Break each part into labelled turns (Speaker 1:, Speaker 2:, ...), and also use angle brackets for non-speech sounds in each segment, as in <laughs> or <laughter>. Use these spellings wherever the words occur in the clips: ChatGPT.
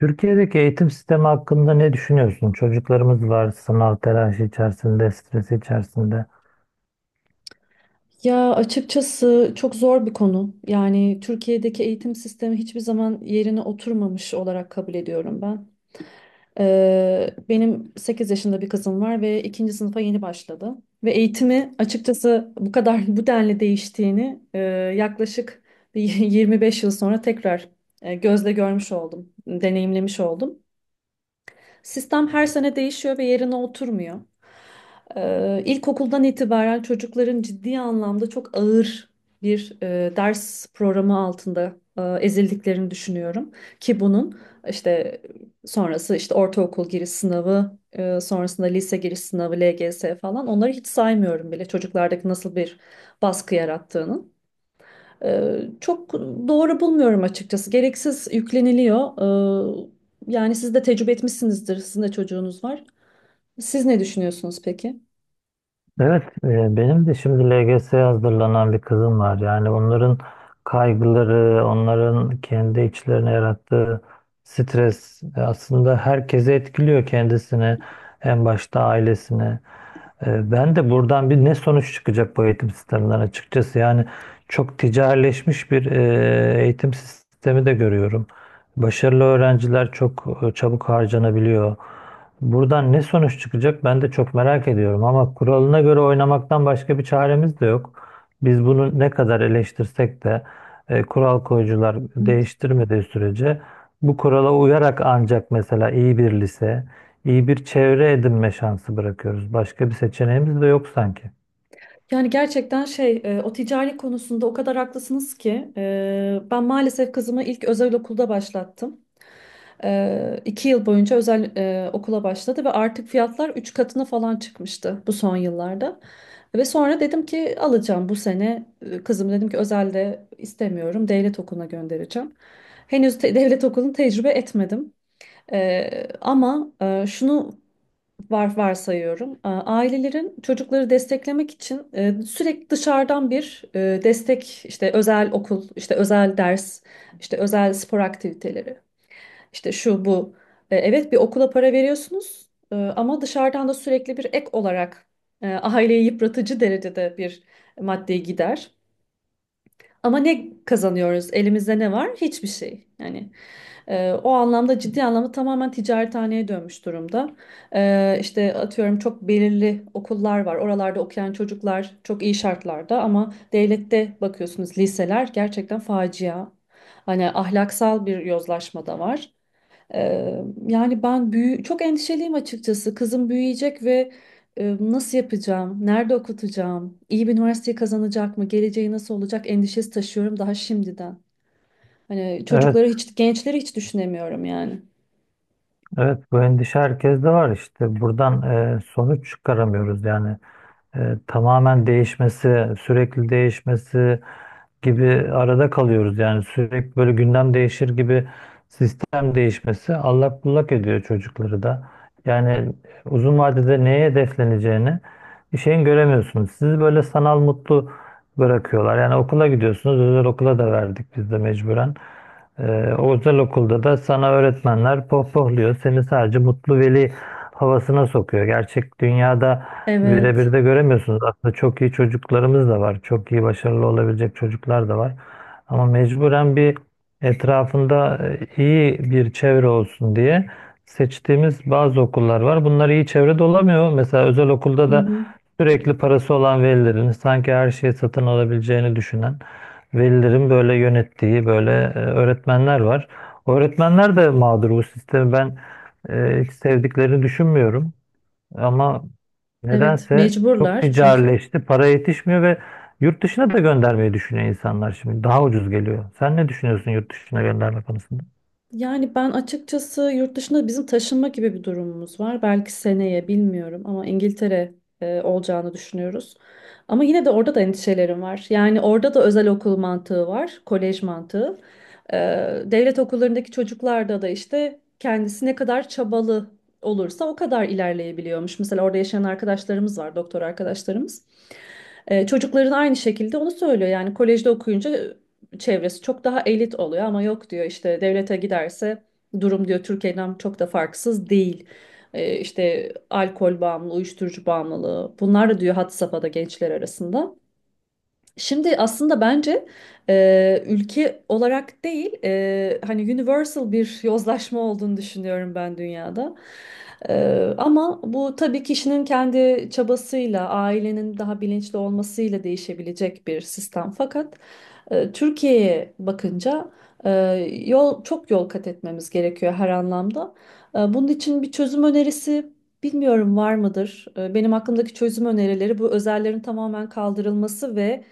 Speaker 1: Türkiye'deki eğitim sistemi hakkında ne düşünüyorsun? Çocuklarımız var sınav telaşı içerisinde, stres içerisinde.
Speaker 2: Ya açıkçası çok zor bir konu. Yani Türkiye'deki eğitim sistemi hiçbir zaman yerine oturmamış olarak kabul ediyorum ben. Benim 8 yaşında bir kızım var ve ikinci sınıfa yeni başladı. Ve eğitimi açıkçası bu kadar <laughs> bu denli değiştiğini yaklaşık bir <laughs> 25 yıl sonra tekrar gözle görmüş oldum, deneyimlemiş oldum. Sistem her sene değişiyor ve yerine oturmuyor. İlkokuldan itibaren çocukların ciddi anlamda çok ağır bir ders programı altında ezildiklerini düşünüyorum. Ki bunun işte sonrası işte ortaokul giriş sınavı, sonrasında lise giriş sınavı, LGS falan onları hiç saymıyorum bile çocuklardaki nasıl bir baskı yarattığının. Çok doğru bulmuyorum açıkçası. Gereksiz yükleniliyor. Yani siz de tecrübe etmişsinizdir. Sizin de çocuğunuz var. Siz ne düşünüyorsunuz peki?
Speaker 1: Evet, benim de şimdi LGS'ye hazırlanan bir kızım var. Yani onların kaygıları, onların kendi içlerine yarattığı stres aslında herkesi etkiliyor kendisini, en başta ailesini. Ben de buradan bir ne sonuç çıkacak bu eğitim sisteminden açıkçası. Yani çok ticarileşmiş bir eğitim sistemi de görüyorum. Başarılı öğrenciler çok çabuk harcanabiliyor. Buradan ne sonuç çıkacak ben de çok merak ediyorum. Ama kuralına göre oynamaktan başka bir çaremiz de yok. Biz bunu ne kadar eleştirsek de kural koyucular
Speaker 2: Evet.
Speaker 1: değiştirmediği sürece bu kurala uyarak ancak mesela iyi bir lise, İyi bir çevre edinme şansı bırakıyoruz. Başka bir seçeneğimiz de yok sanki.
Speaker 2: Yani gerçekten o ticari konusunda o kadar haklısınız ki ben maalesef kızımı ilk özel okulda başlattım. İki yıl boyunca özel okula başladı ve artık fiyatlar üç katına falan çıkmıştı bu son yıllarda. Ve sonra dedim ki alacağım bu sene kızım dedim ki özelde istemiyorum, devlet okuluna göndereceğim. Devlet okulunu tecrübe etmedim. Ama şunu varsayıyorum. Ailelerin çocukları desteklemek için sürekli dışarıdan bir destek, işte özel okul, işte özel ders, işte özel spor aktiviteleri. İşte şu bu. Evet, bir okula para veriyorsunuz ama dışarıdan da sürekli bir ek olarak aileyi yıpratıcı derecede bir maddi gider. Ama ne kazanıyoruz? Elimizde ne var? Hiçbir şey. Yani o anlamda ciddi anlamda tamamen ticarethaneye dönmüş durumda. İşte atıyorum, çok belirli okullar var. Oralarda okuyan çocuklar çok iyi şartlarda ama devlette bakıyorsunuz liseler gerçekten facia. Hani ahlaksal bir yozlaşma da var. Yani ben çok endişeliyim açıkçası. Kızım büyüyecek ve nasıl yapacağım? Nerede okutacağım? İyi bir üniversiteyi kazanacak mı? Geleceği nasıl olacak? Endişesi taşıyorum daha şimdiden. Hani
Speaker 1: Evet,
Speaker 2: çocukları hiç, gençleri hiç düşünemiyorum yani.
Speaker 1: evet, bu endişe herkeste var işte. Buradan sonuç çıkaramıyoruz yani. Tamamen değişmesi, sürekli değişmesi gibi arada kalıyoruz. Yani sürekli böyle gündem değişir gibi sistem değişmesi allak bullak ediyor çocukları da. Yani uzun vadede neye hedefleneceğini bir şeyin göremiyorsunuz. Sizi böyle sanal mutlu bırakıyorlar. Yani okula gidiyorsunuz. Özel okula da verdik biz de mecburen. O özel okulda da sana öğretmenler pohpohluyor. Seni sadece mutlu veli havasına sokuyor. Gerçek dünyada
Speaker 2: Evet.
Speaker 1: birebir de göremiyorsunuz. Aslında çok iyi çocuklarımız da var. Çok iyi başarılı olabilecek çocuklar da var. Ama mecburen bir etrafında iyi bir çevre olsun diye seçtiğimiz bazı okullar var. Bunlar iyi çevrede olamıyor. Mesela özel okulda
Speaker 2: Hı
Speaker 1: da
Speaker 2: hı.
Speaker 1: sürekli parası olan velilerin sanki her şeyi satın alabileceğini düşünen velilerin böyle yönettiği böyle öğretmenler var. O öğretmenler de mağdur, bu sistemi ben hiç sevdiklerini düşünmüyorum. Ama
Speaker 2: Evet,
Speaker 1: nedense çok
Speaker 2: mecburlar çünkü.
Speaker 1: ticarileşti. Para yetişmiyor ve yurt dışına da göndermeyi düşünüyor insanlar şimdi. Daha ucuz geliyor. Sen ne düşünüyorsun yurt dışına gönderme konusunda?
Speaker 2: Yani ben açıkçası yurt dışında bizim taşınma gibi bir durumumuz var. Belki seneye bilmiyorum ama İngiltere olacağını düşünüyoruz. Ama yine de orada da endişelerim var. Yani orada da özel okul mantığı var, kolej mantığı. E, Devlet okullarındaki çocuklarda da işte kendisi ne kadar çabalı olursa o kadar ilerleyebiliyormuş. Mesela orada yaşayan arkadaşlarımız var, doktor arkadaşlarımız. Çocukların aynı şekilde onu söylüyor. Yani kolejde okuyunca çevresi çok daha elit oluyor ama yok diyor işte devlete giderse durum diyor Türkiye'den çok da farksız değil. İşte alkol bağımlılığı, uyuşturucu bağımlılığı bunlar da diyor had safhada gençler arasında. Şimdi aslında bence ülke olarak değil, hani universal bir yozlaşma olduğunu düşünüyorum ben dünyada. E, Ama bu tabii kişinin kendi çabasıyla, ailenin daha bilinçli olmasıyla değişebilecek bir sistem. Fakat Türkiye'ye bakınca e, yol kat etmemiz gerekiyor her anlamda. Bunun için bir çözüm önerisi bilmiyorum var mıdır? Benim aklımdaki çözüm önerileri bu özellerin tamamen kaldırılması ve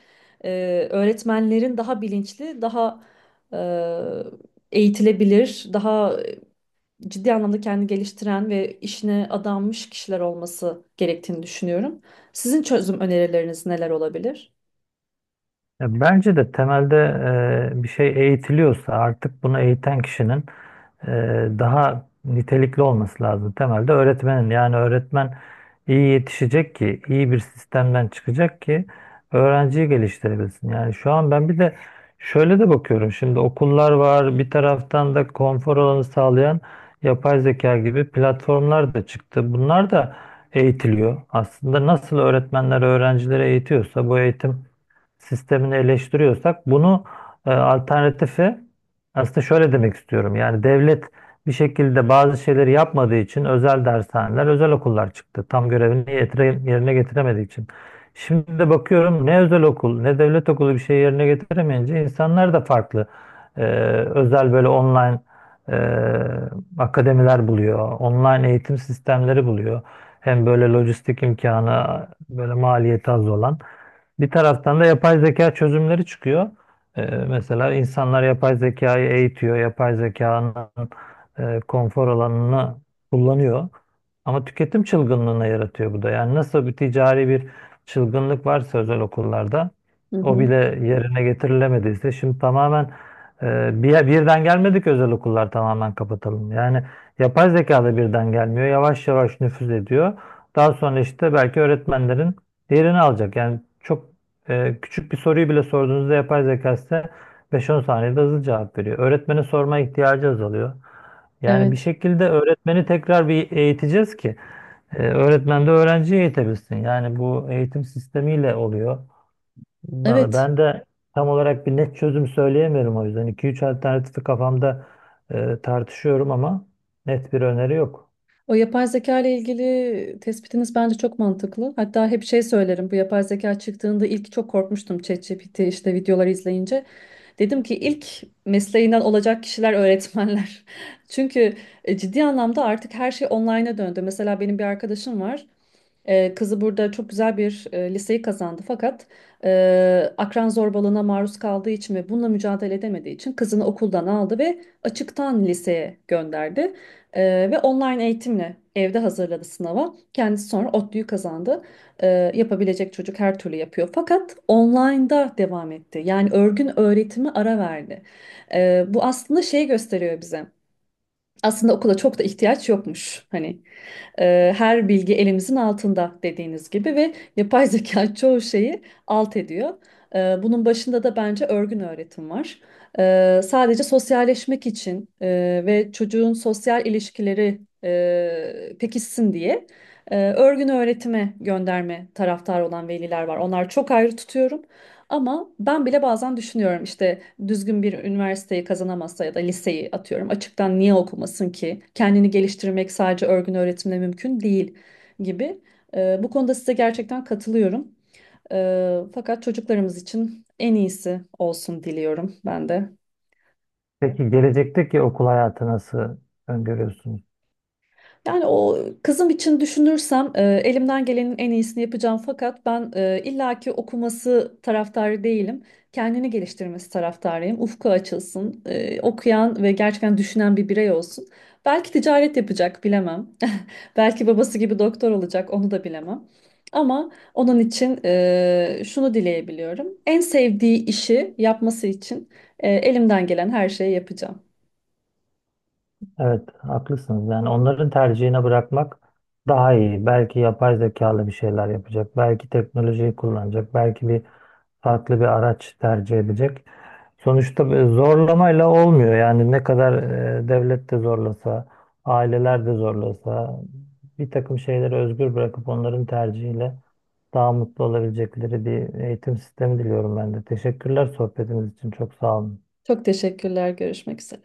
Speaker 2: öğretmenlerin daha bilinçli, daha e, eğitilebilir, daha ciddi anlamda kendini geliştiren ve işine adanmış kişiler olması gerektiğini düşünüyorum. Sizin çözüm önerileriniz neler olabilir?
Speaker 1: Ya bence de temelde bir şey eğitiliyorsa artık bunu eğiten kişinin e, daha nitelikli olması lazım. Temelde öğretmenin, yani öğretmen iyi yetişecek ki iyi bir sistemden çıkacak ki öğrenciyi geliştirebilsin. Yani şu an ben bir de şöyle de bakıyorum, şimdi okullar var, bir taraftan da konfor alanı sağlayan yapay zeka gibi platformlar da çıktı. Bunlar da eğitiliyor. Aslında nasıl öğretmenler öğrencileri eğitiyorsa, bu eğitim sistemini eleştiriyorsak bunu alternatifi, aslında şöyle demek istiyorum. Yani devlet bir şekilde bazı şeyleri yapmadığı için özel dershaneler, özel okullar çıktı. Tam görevini yerine getiremediği için. Şimdi de bakıyorum, ne özel okul ne devlet okulu bir şey yerine getiremeyince insanlar da farklı e, özel, böyle online e, akademiler buluyor. Online eğitim sistemleri buluyor. Hem böyle lojistik imkanı böyle maliyeti az olan. Bir taraftan da yapay zeka çözümleri çıkıyor. Mesela insanlar yapay zekayı eğitiyor, yapay zekanın konfor alanını kullanıyor. Ama tüketim çılgınlığına yaratıyor bu da. Yani nasıl bir ticari bir çılgınlık varsa özel okullarda
Speaker 2: Hı
Speaker 1: o
Speaker 2: hı.
Speaker 1: bile yerine getirilemediyse şimdi tamamen birden gelmedik özel okullar tamamen kapatalım. Yani yapay zeka da birden gelmiyor. Yavaş yavaş nüfuz ediyor. Daha sonra işte belki öğretmenlerin diğerini alacak. Yani çok küçük bir soruyu bile sorduğunuzda yapay zeka size 5-10 saniyede hızlı cevap veriyor. Öğretmene sorma ihtiyacı azalıyor. Yani bir
Speaker 2: Evet.
Speaker 1: şekilde öğretmeni tekrar bir eğiteceğiz ki öğretmen de öğrenciyi eğitebilsin. Yani bu eğitim sistemiyle oluyor. Ben
Speaker 2: Evet.
Speaker 1: ben de tam olarak bir net çözüm söyleyemiyorum o yüzden. İki üç alternatifi kafamda tartışıyorum ama net bir öneri yok.
Speaker 2: O yapay zeka ile ilgili tespitiniz bence çok mantıklı. Hatta hep şey söylerim. Bu yapay zeka çıktığında ilk çok korkmuştum, ChatGPT işte videoları izleyince. Dedim ki ilk mesleğinden olacak kişiler öğretmenler. <laughs> Çünkü ciddi anlamda artık her şey online'a döndü. Mesela benim bir arkadaşım var. Kızı burada çok güzel bir liseyi kazandı fakat akran zorbalığına maruz kaldığı için ve bununla mücadele edemediği için kızını okuldan aldı ve açıktan liseye gönderdi. Ve online eğitimle evde hazırladı sınava. Kendisi sonra ODTÜ'yü kazandı. Yapabilecek çocuk her türlü yapıyor. Fakat online'da devam etti. Yani örgün öğretimi ara verdi. Bu aslında şey gösteriyor bize. Aslında okula çok da ihtiyaç yokmuş. Hani her bilgi elimizin altında dediğiniz gibi ve yapay zeka <laughs> çoğu şeyi alt ediyor. Bunun başında da bence örgün öğretim var. Sadece sosyalleşmek için ve çocuğun sosyal ilişkileri pekişsin diye örgün öğretime gönderme taraftar olan veliler var. Onlar çok ayrı tutuyorum. Ama ben bile bazen düşünüyorum işte düzgün bir üniversiteyi kazanamazsa ya da liseyi atıyorum açıktan niye okumasın ki? Kendini geliştirmek sadece örgün öğretimle mümkün değil gibi. Bu konuda size gerçekten katılıyorum. Fakat çocuklarımız için en iyisi olsun diliyorum ben de.
Speaker 1: Peki gelecekteki okul hayatı nasıl öngörüyorsunuz?
Speaker 2: Yani o kızım için düşünürsem elimden gelenin en iyisini yapacağım fakat ben illaki okuması taraftarı değilim. Kendini geliştirmesi taraftarıyım. Ufku açılsın, okuyan ve gerçekten düşünen bir birey olsun. Belki ticaret yapacak, bilemem. <laughs> Belki babası gibi doktor olacak, onu da bilemem. Ama onun için şunu dileyebiliyorum. En sevdiği işi yapması için elimden gelen her şeyi yapacağım.
Speaker 1: Evet, haklısınız. Yani onların tercihine bırakmak daha iyi. Belki yapay zekalı bir şeyler yapacak, belki teknolojiyi kullanacak, belki bir farklı bir araç tercih edecek. Sonuçta bir zorlamayla olmuyor. Yani ne kadar devlet de zorlasa, aileler de zorlasa, bir takım şeyleri özgür bırakıp onların tercihiyle daha mutlu olabilecekleri bir eğitim sistemi diliyorum ben de. Teşekkürler sohbetiniz için. Çok sağ olun.
Speaker 2: Çok teşekkürler. Görüşmek üzere.